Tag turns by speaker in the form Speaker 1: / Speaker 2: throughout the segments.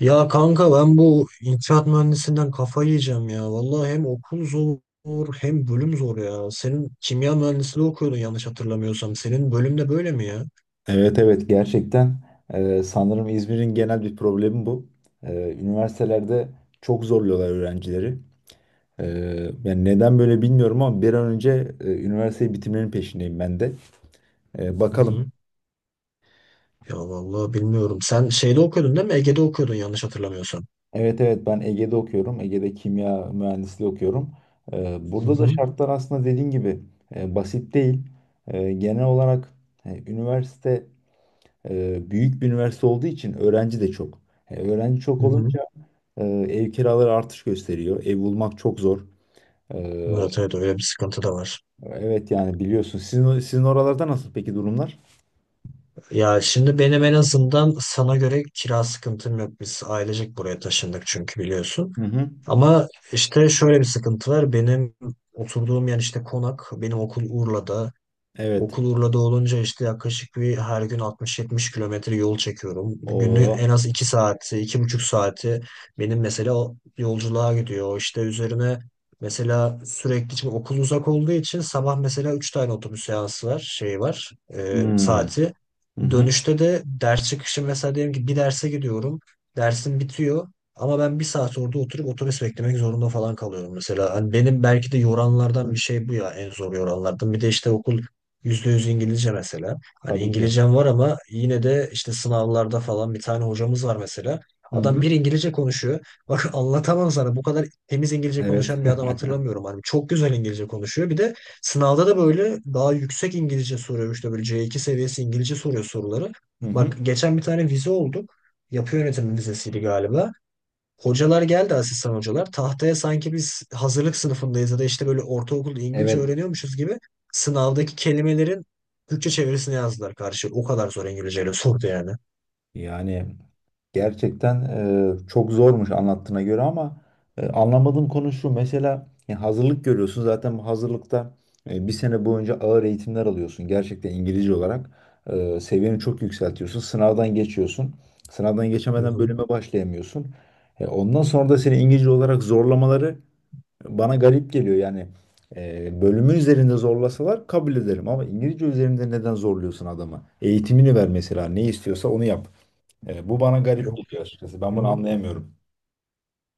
Speaker 1: Ya kanka ben bu inşaat mühendisinden kafayı yiyeceğim ya. Vallahi hem okul zor hem bölüm zor ya. Senin kimya mühendisliği okuyordun yanlış hatırlamıyorsam. Senin bölüm de böyle mi ya?
Speaker 2: Evet, evet, gerçekten sanırım İzmir'in genel bir problemi bu. Üniversitelerde çok zorluyorlar öğrencileri. Yani neden böyle bilmiyorum ama bir an önce üniversiteyi bitirmenin peşindeyim ben de.
Speaker 1: Hı
Speaker 2: Bakalım.
Speaker 1: hı. Ya vallahi bilmiyorum. Sen şeyde okuyordun değil mi? Ege'de okuyordun yanlış hatırlamıyorsam.
Speaker 2: Evet, evet, ben Ege'de okuyorum. Ege'de kimya mühendisliği okuyorum.
Speaker 1: Hı
Speaker 2: Burada da
Speaker 1: hı.
Speaker 2: şartlar aslında dediğin gibi basit değil. Genel olarak e, üniversite büyük bir üniversite olduğu için öğrenci de çok. Öğrenci çok
Speaker 1: Hı hı.
Speaker 2: olunca Ee, ev kiraları artış gösteriyor. Ev bulmak çok zor. Ee,
Speaker 1: Evet evet, öyle bir sıkıntı da var.
Speaker 2: evet, yani biliyorsun. Sizin oralarda nasıl peki durumlar?
Speaker 1: Ya şimdi benim en azından sana göre kira sıkıntım yok. Biz ailecek buraya taşındık çünkü biliyorsun.
Speaker 2: Hı hı.
Speaker 1: Ama işte şöyle bir sıkıntı var. Benim oturduğum yer işte konak. Benim okul Urla'da.
Speaker 2: Evet.
Speaker 1: Okul Urla'da olunca işte yaklaşık bir her gün 60-70 kilometre yol çekiyorum. Günlük en
Speaker 2: O.
Speaker 1: az 2 saati, 2,5 saati benim mesela o yolculuğa gidiyor. O İşte üzerine mesela sürekli şimdi okul uzak olduğu için sabah mesela 3 tane otobüs seansı var, şey var,
Speaker 2: Hmm.
Speaker 1: saati.
Speaker 2: Hı hı.
Speaker 1: Dönüşte de ders çıkışı mesela diyelim ki bir derse gidiyorum. Dersim bitiyor. Ama ben bir saat orada oturup otobüs beklemek zorunda falan kalıyorum mesela. Hani benim belki de yoranlardan bir şey bu ya, en zor yoranlardan. Bir de işte okul yüzde yüz İngilizce mesela. Hani
Speaker 2: Tabii ki.
Speaker 1: İngilizcem var ama yine de işte sınavlarda falan bir tane hocamız var mesela.
Speaker 2: Hı
Speaker 1: Adam
Speaker 2: hı.
Speaker 1: bir İngilizce konuşuyor. Bak anlatamam sana, bu kadar temiz İngilizce
Speaker 2: Evet.
Speaker 1: konuşan bir adam hatırlamıyorum. Hani çok güzel İngilizce konuşuyor. Bir de sınavda da böyle daha yüksek İngilizce soruyor. İşte böyle C2 seviyesi İngilizce soruyor soruları.
Speaker 2: Hı hı.
Speaker 1: Bak geçen bir tane vize olduk. Yapı yönetimi vizesiydi galiba. Hocalar geldi, asistan hocalar. Tahtaya sanki biz hazırlık sınıfındayız ya da işte böyle ortaokulda İngilizce
Speaker 2: Evet.
Speaker 1: öğreniyormuşuz gibi sınavdaki kelimelerin Türkçe çevirisini yazdılar karşı. O kadar zor İngilizceyle sordu yani.
Speaker 2: Yani gerçekten çok zormuş anlattığına göre ama anlamadığım konu şu. Mesela ya hazırlık görüyorsun. Zaten bu hazırlıkta bir sene boyunca ağır eğitimler alıyorsun. Gerçekten İngilizce olarak seviyeni çok yükseltiyorsun. Sınavdan geçiyorsun. Sınavdan
Speaker 1: Hı
Speaker 2: geçemeden
Speaker 1: hı.
Speaker 2: bölüme başlayamıyorsun. Ondan sonra da seni İngilizce olarak zorlamaları bana garip geliyor. Yani bölümü üzerinde zorlasalar kabul ederim. Ama İngilizce üzerinde neden zorluyorsun adamı? Eğitimini ver mesela. Ne istiyorsa onu yap. Bu bana garip
Speaker 1: Yok
Speaker 2: geliyor
Speaker 1: yok.
Speaker 2: açıkçası. Ben
Speaker 1: Hı
Speaker 2: bunu
Speaker 1: hı.
Speaker 2: anlayamıyorum.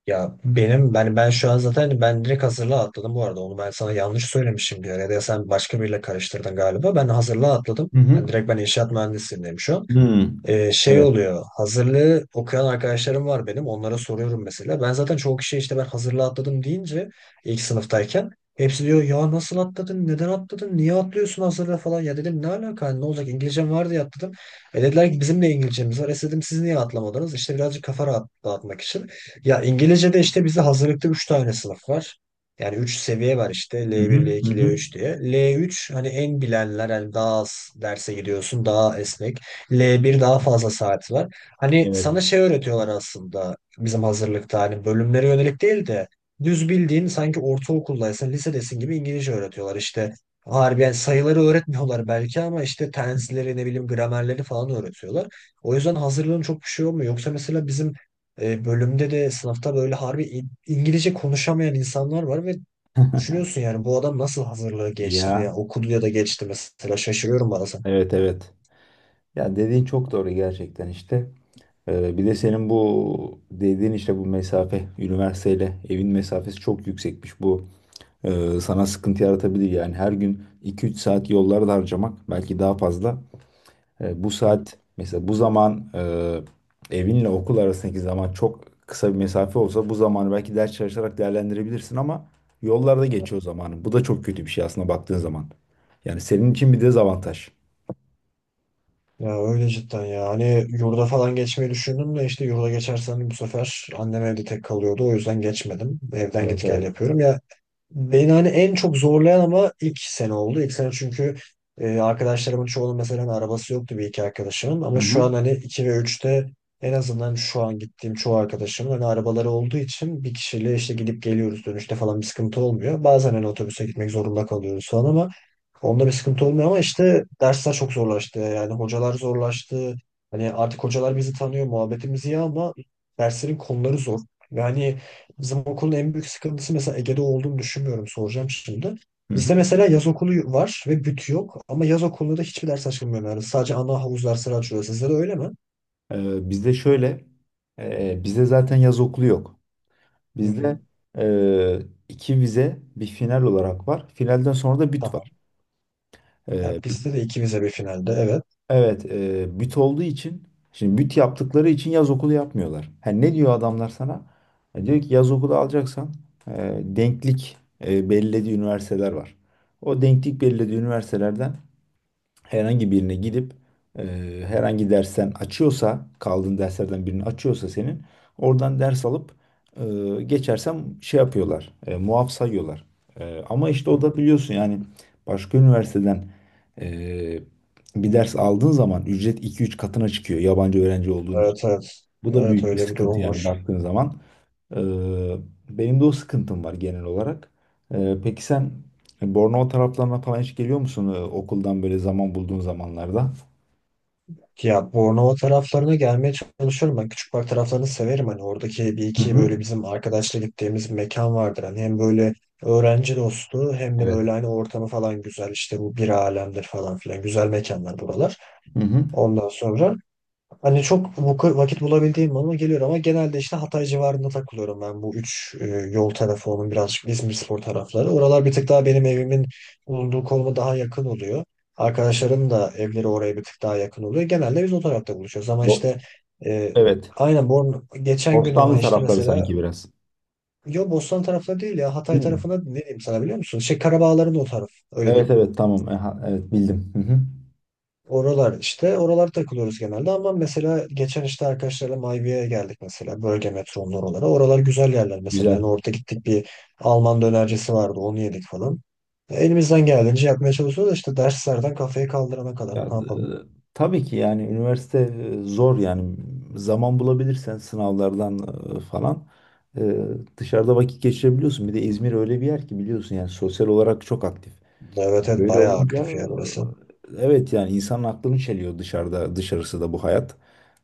Speaker 1: Ya benim ben şu an zaten ben direkt hazırlığa atladım bu arada. Onu ben sana yanlış söylemişim diyor. Ya da sen başka biriyle karıştırdın galiba. Ben hazırlığa atladım.
Speaker 2: Hı hı.
Speaker 1: Hani direkt ben inşaat mühendisliğindeyim şu an.
Speaker 2: Hmm.
Speaker 1: Şey
Speaker 2: Evet.
Speaker 1: oluyor. Hazırlığı okuyan arkadaşlarım var benim. Onlara soruyorum mesela. Ben zaten çoğu kişiye işte ben hazırlığı atladım deyince ilk sınıftayken hepsi diyor ya nasıl atladın? Neden atladın? Niye atlıyorsun hazırlığı falan? Ya dedim, ne alaka? Hani ne olacak? İngilizcem var diye atladım. E dediler ki bizim de İngilizcemiz var. E dedim siz niye atlamadınız? İşte birazcık kafa rahat, dağıtmak için. Ya İngilizce'de işte bizde hazırlıkta 3 tane sınıf var. Yani 3 seviye var işte,
Speaker 2: Hı
Speaker 1: L1,
Speaker 2: hı. Hı
Speaker 1: L2,
Speaker 2: hı.
Speaker 1: L3 diye. L3 hani en bilenler, hani daha az derse gidiyorsun, daha esnek. L bir daha fazla saat var. Hani
Speaker 2: Evet.
Speaker 1: sana şey öğretiyorlar aslında, bizim hazırlıkta hani bölümlere yönelik değil de düz bildiğin sanki ortaokuldaysın, lisedesin gibi İngilizce öğretiyorlar. İşte harbiden sayıları öğretmiyorlar belki ama işte tensleri ne bileyim, gramerleri falan öğretiyorlar. O yüzden hazırlığın çok bir şey olmuyor. Yoksa mesela bizim bölümde de sınıfta böyle harbi İngilizce konuşamayan insanlar var ve düşünüyorsun yani bu adam nasıl hazırlığı geçti
Speaker 2: Ya.
Speaker 1: ya, okudu ya da geçti mesela, şaşırıyorum bazen.
Speaker 2: Evet, evet. Ya dediğin çok doğru gerçekten işte. Bir de senin bu dediğin işte bu mesafe, üniversiteyle evin mesafesi çok yüksekmiş. Bu sana sıkıntı yaratabilir yani. Her gün iki üç saat yollarda harcamak, belki daha fazla. Bu saat mesela, bu zaman, evinle okul arasındaki zaman çok kısa bir mesafe olsa bu zamanı belki ders çalışarak değerlendirebilirsin ama yollarda geçiyor zamanı. Bu da çok kötü bir şey aslında baktığın zaman. Yani senin için bir dezavantaj.
Speaker 1: Ya öyle cidden ya. Hani yurda falan geçmeyi düşündüm de işte yurda geçersem bu sefer annem evde tek kalıyordu. O yüzden geçmedim. Evden
Speaker 2: Evet,
Speaker 1: git gel
Speaker 2: evet.
Speaker 1: yapıyorum. Ya beni hani en çok zorlayan ama ilk sene oldu. İlk sene çünkü arkadaşlarımın çoğunun mesela hani arabası yoktu, bir iki arkadaşımın.
Speaker 2: Hı
Speaker 1: Ama şu an
Speaker 2: hı.
Speaker 1: hani 2 ve üçte en azından şu an gittiğim çoğu arkadaşımın hani arabaları olduğu için bir kişiyle işte gidip geliyoruz, dönüşte falan bir sıkıntı olmuyor. Bazen hani otobüse gitmek zorunda kalıyoruz falan ama onda bir sıkıntı olmuyor, ama işte dersler çok zorlaştı. Yani hocalar zorlaştı. Hani artık hocalar bizi tanıyor, muhabbetimiz iyi ama derslerin konuları zor. Yani bizim okulun en büyük sıkıntısı mesela Ege'de olduğunu düşünmüyorum. Soracağım şimdi.
Speaker 2: Hı
Speaker 1: Bizde
Speaker 2: hı.
Speaker 1: mesela yaz okulu var ve büt yok. Ama yaz okulunda da hiçbir ders açılmıyor. Yani sadece ana havuz dersleri açılıyor. Sizde de öyle mi?
Speaker 2: Bizde şöyle, bizde zaten yaz okulu yok.
Speaker 1: Hı
Speaker 2: Bizde
Speaker 1: hı.
Speaker 2: e, iki vize bir final olarak var. Finalden sonra da büt
Speaker 1: Tamam.
Speaker 2: var. E,
Speaker 1: Ya bizde de ikimize bir finalde. Evet.
Speaker 2: Evet, büt olduğu için, şimdi büt yaptıkları için yaz okulu yapmıyorlar. Ha, ne diyor adamlar sana? Diyor ki yaz okulu alacaksan denklik belirlediği üniversiteler var. O denklik belirlediği üniversitelerden herhangi birine gidip e, herhangi dersten açıyorsa, kaldığın derslerden birini açıyorsa senin oradan ders alıp e, geçersem şey yapıyorlar, muaf sayıyorlar. Ama işte
Speaker 1: Hı.
Speaker 2: o da biliyorsun yani başka üniversiteden e, bir ders aldığın zaman ücret iki üç katına çıkıyor yabancı öğrenci olduğun için.
Speaker 1: Evet evet.
Speaker 2: Bu da
Speaker 1: Evet
Speaker 2: büyük bir
Speaker 1: öyle bir
Speaker 2: sıkıntı
Speaker 1: durum
Speaker 2: yani
Speaker 1: var.
Speaker 2: baktığın zaman. Ee, Benim de o sıkıntım var genel olarak. Peki sen Bornova taraflarına falan hiç geliyor musun? Okuldan böyle zaman bulduğun zamanlarda?
Speaker 1: Ya Bornova taraflarına gelmeye çalışıyorum. Ben Küçükbay taraflarını severim. Hani oradaki bir
Speaker 2: Hı
Speaker 1: iki
Speaker 2: hı.
Speaker 1: böyle bizim arkadaşla gittiğimiz mekan vardır. Hani hem böyle öğrenci dostu hem de
Speaker 2: Evet.
Speaker 1: böyle hani ortamı falan güzel. İşte bu bir alemdir falan filan. Güzel mekanlar buralar.
Speaker 2: Hı hı.
Speaker 1: Ondan sonra hani çok vakit bulabildiğim bana geliyor ama genelde işte Hatay civarında takılıyorum, ben bu üç yol tarafı onun birazcık İzmirspor tarafları. Oralar bir tık daha benim evimin bulunduğu konuma daha yakın oluyor. Arkadaşlarım da evleri oraya bir tık daha yakın oluyor. Genelde biz o tarafta buluşuyoruz ama
Speaker 2: Bo-
Speaker 1: işte e,
Speaker 2: evet.
Speaker 1: aynen. Geçen gün ama
Speaker 2: Bostanlı
Speaker 1: işte
Speaker 2: tarafları
Speaker 1: mesela
Speaker 2: sanki biraz.
Speaker 1: yo, Bostan tarafları değil ya, Hatay
Speaker 2: Değil mi?
Speaker 1: tarafına ne diyeyim sana, biliyor musun? Şey, Karabağların o taraf, öyle
Speaker 2: Evet,
Speaker 1: diyeyim.
Speaker 2: evet, tamam. Aha, evet, bildim. Hı hı.
Speaker 1: Oralar işte, oralar takılıyoruz genelde ama mesela geçen işte arkadaşlarla Mayviye'ye geldik mesela, bölge metronun oralara. Oralar güzel yerler mesela.
Speaker 2: Güzel.
Speaker 1: Yani orada gittik, bir Alman dönercisi vardı, onu yedik falan. Elimizden geldiğince yapmaya çalışıyoruz da işte derslerden kafayı kaldırana kadar
Speaker 2: Ya,
Speaker 1: ne yapalım.
Speaker 2: tabii ki yani üniversite zor yani. Zaman bulabilirsen sınavlardan e, falan e, dışarıda vakit geçirebiliyorsun. Bir de İzmir öyle bir yer ki biliyorsun, yani sosyal olarak çok aktif.
Speaker 1: Evet evet,
Speaker 2: Böyle
Speaker 1: bayağı
Speaker 2: olunca
Speaker 1: aktif ya burası.
Speaker 2: evet, yani insanın aklını çeliyor dışarıda, dışarısı da bu hayat.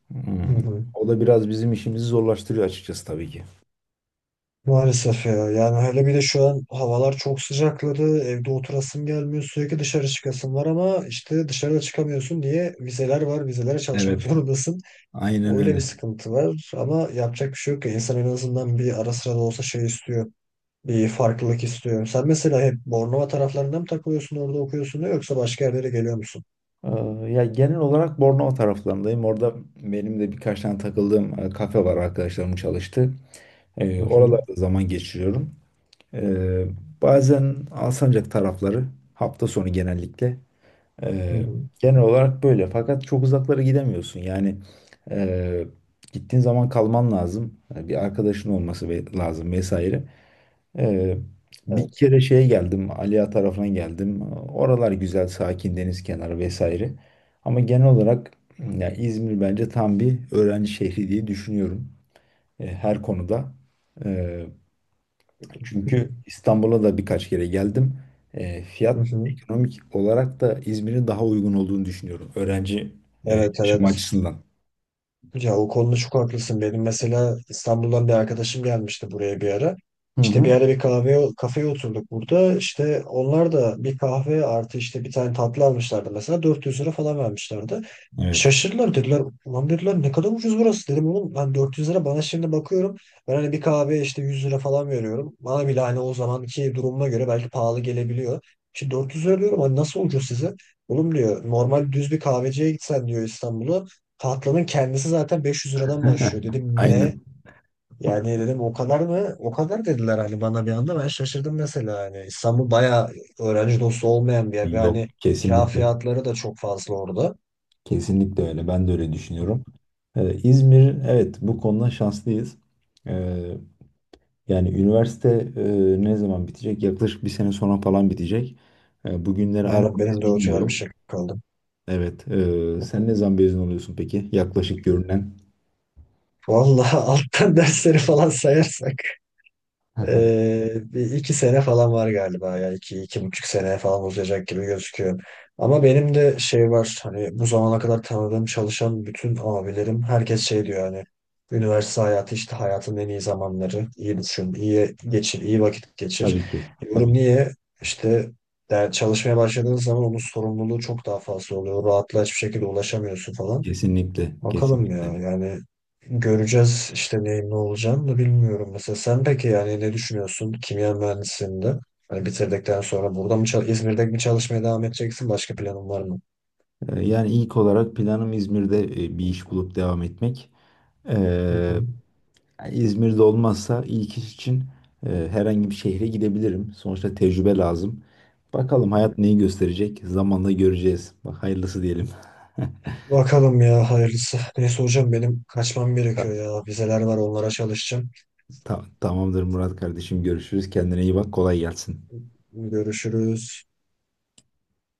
Speaker 2: Hmm.
Speaker 1: Hı hı.
Speaker 2: O da biraz bizim işimizi zorlaştırıyor açıkçası tabii ki.
Speaker 1: Maalesef ya, yani hele bir de şu an havalar çok sıcakladı, evde oturasım gelmiyor, sürekli dışarı çıkasım var ama işte dışarıda çıkamıyorsun diye, vizeler var, vizelere çalışmak
Speaker 2: Evet,
Speaker 1: zorundasın.
Speaker 2: aynen
Speaker 1: Öyle bir
Speaker 2: öyle.
Speaker 1: sıkıntı var ama yapacak bir şey yok ya. İnsan en azından bir ara sıra da olsa şey istiyor. Bir farklılık istiyor. Sen mesela hep Bornova taraflarında mı takılıyorsun orada okuyorsun da, yoksa başka yerlere geliyor musun?
Speaker 2: Ya genel olarak Bornova taraflarındayım. Orada benim de birkaç tane takıldığım kafe var, arkadaşlarım çalıştı.
Speaker 1: Hı hı.
Speaker 2: Oralarda zaman geçiriyorum. Ee, Bazen Alsancak tarafları, hafta sonu genellikle.
Speaker 1: Hı
Speaker 2: Ee,
Speaker 1: hı.
Speaker 2: Genel olarak böyle. Fakat çok uzaklara gidemiyorsun. Yani e, gittiğin zaman kalman lazım. Yani bir arkadaşın olması lazım vesaire. Ee, Bir
Speaker 1: Evet.
Speaker 2: kere şeye geldim, Aliya tarafına geldim. Oralar güzel, sakin, deniz kenarı vesaire. Ama genel olarak ya, İzmir bence tam bir öğrenci şehri diye düşünüyorum. Her konuda. Çünkü İstanbul'a da birkaç kere geldim.
Speaker 1: Hı
Speaker 2: Fiyat,
Speaker 1: hı.
Speaker 2: ekonomik olarak da İzmir'in daha uygun olduğunu düşünüyorum. Öğrenci
Speaker 1: Evet
Speaker 2: yaşam
Speaker 1: evet.
Speaker 2: açısından.
Speaker 1: Ya o konuda çok haklısın. Benim mesela İstanbul'dan bir arkadaşım gelmişti buraya bir ara.
Speaker 2: Hı
Speaker 1: İşte bir
Speaker 2: hı.
Speaker 1: ara bir kahve kafeye oturduk burada. İşte onlar da bir kahve artı işte bir tane tatlı almışlardı mesela, 400 lira falan vermişlerdi.
Speaker 2: Evet.
Speaker 1: Şaşırdılar, dediler ulan, dediler ne kadar ucuz burası. Dedim oğlum ben 400 lira bana şimdi bakıyorum. Ben hani bir kahve işte 100 lira falan veriyorum. Bana bile hani o zamanki durumuma göre belki pahalı gelebiliyor. İşte 400 lira diyorum, hani nasıl ucuz size? Oğlum diyor normal düz bir kahveciye gitsen diyor İstanbul'a, tatlının kendisi zaten 500 liradan başlıyor. Dedim ne?
Speaker 2: Aynen.
Speaker 1: Yani dedim o kadar mı? O kadar dediler hani bana, bir anda ben şaşırdım mesela hani. İstanbul bayağı öğrenci dostu olmayan bir yer. Ve
Speaker 2: Yok,
Speaker 1: hani kira
Speaker 2: kesinlikle.
Speaker 1: fiyatları da çok fazla orada.
Speaker 2: Kesinlikle öyle. Ben de öyle düşünüyorum. İzmir evet, bu konuda şanslıyız. Ee, Yani üniversite e, ne zaman bitecek? Yaklaşık bir sene sonra falan bitecek. Bugünleri
Speaker 1: Aynen,
Speaker 2: aramız
Speaker 1: benim de o civar bir
Speaker 2: bilmiyorum.
Speaker 1: şey kaldım.
Speaker 2: Evet. Sen ne zaman mezun oluyorsun peki? Yaklaşık görünen.
Speaker 1: Vallahi alttan dersleri falan sayarsak. Bir iki sene falan var galiba ya, iki, 2,5 sene falan uzayacak gibi gözüküyor. Ama benim de şey var hani, bu zamana kadar tanıdığım çalışan bütün abilerim, herkes şey diyor hani üniversite hayatı işte hayatın en iyi zamanları, iyi düşün, iyi geçir, iyi vakit geçir.
Speaker 2: Tabii ki,
Speaker 1: Diyorum
Speaker 2: tabii ki.
Speaker 1: niye işte, yani çalışmaya başladığın zaman onun sorumluluğu çok daha fazla oluyor, rahatla hiçbir şekilde ulaşamıyorsun falan.
Speaker 2: Kesinlikle,
Speaker 1: Bakalım ya,
Speaker 2: kesinlikle.
Speaker 1: yani göreceğiz işte neyin ne olacağını da bilmiyorum. Mesela sen peki yani ne düşünüyorsun kimya mühendisliğinde? Hani bitirdikten sonra burada mı İzmir'de mi çalışmaya devam edeceksin? Başka planın var mı?
Speaker 2: Yani ilk olarak planım İzmir'de bir iş bulup devam etmek.
Speaker 1: Hı
Speaker 2: Ee,
Speaker 1: hı.
Speaker 2: Yani İzmir'de olmazsa ilk iş için herhangi bir şehre gidebilirim. Sonuçta tecrübe lazım. Bakalım, hayat neyi gösterecek? Zamanla göreceğiz. Bak, hayırlısı diyelim.
Speaker 1: Bakalım ya, hayırlısı. Neyse hocam benim kaçmam gerekiyor
Speaker 2: Ta-
Speaker 1: ya. Vizeler var, onlara çalışacağım.
Speaker 2: Tamamdır Murat kardeşim. Görüşürüz. Kendine iyi bak. Kolay gelsin.
Speaker 1: Görüşürüz.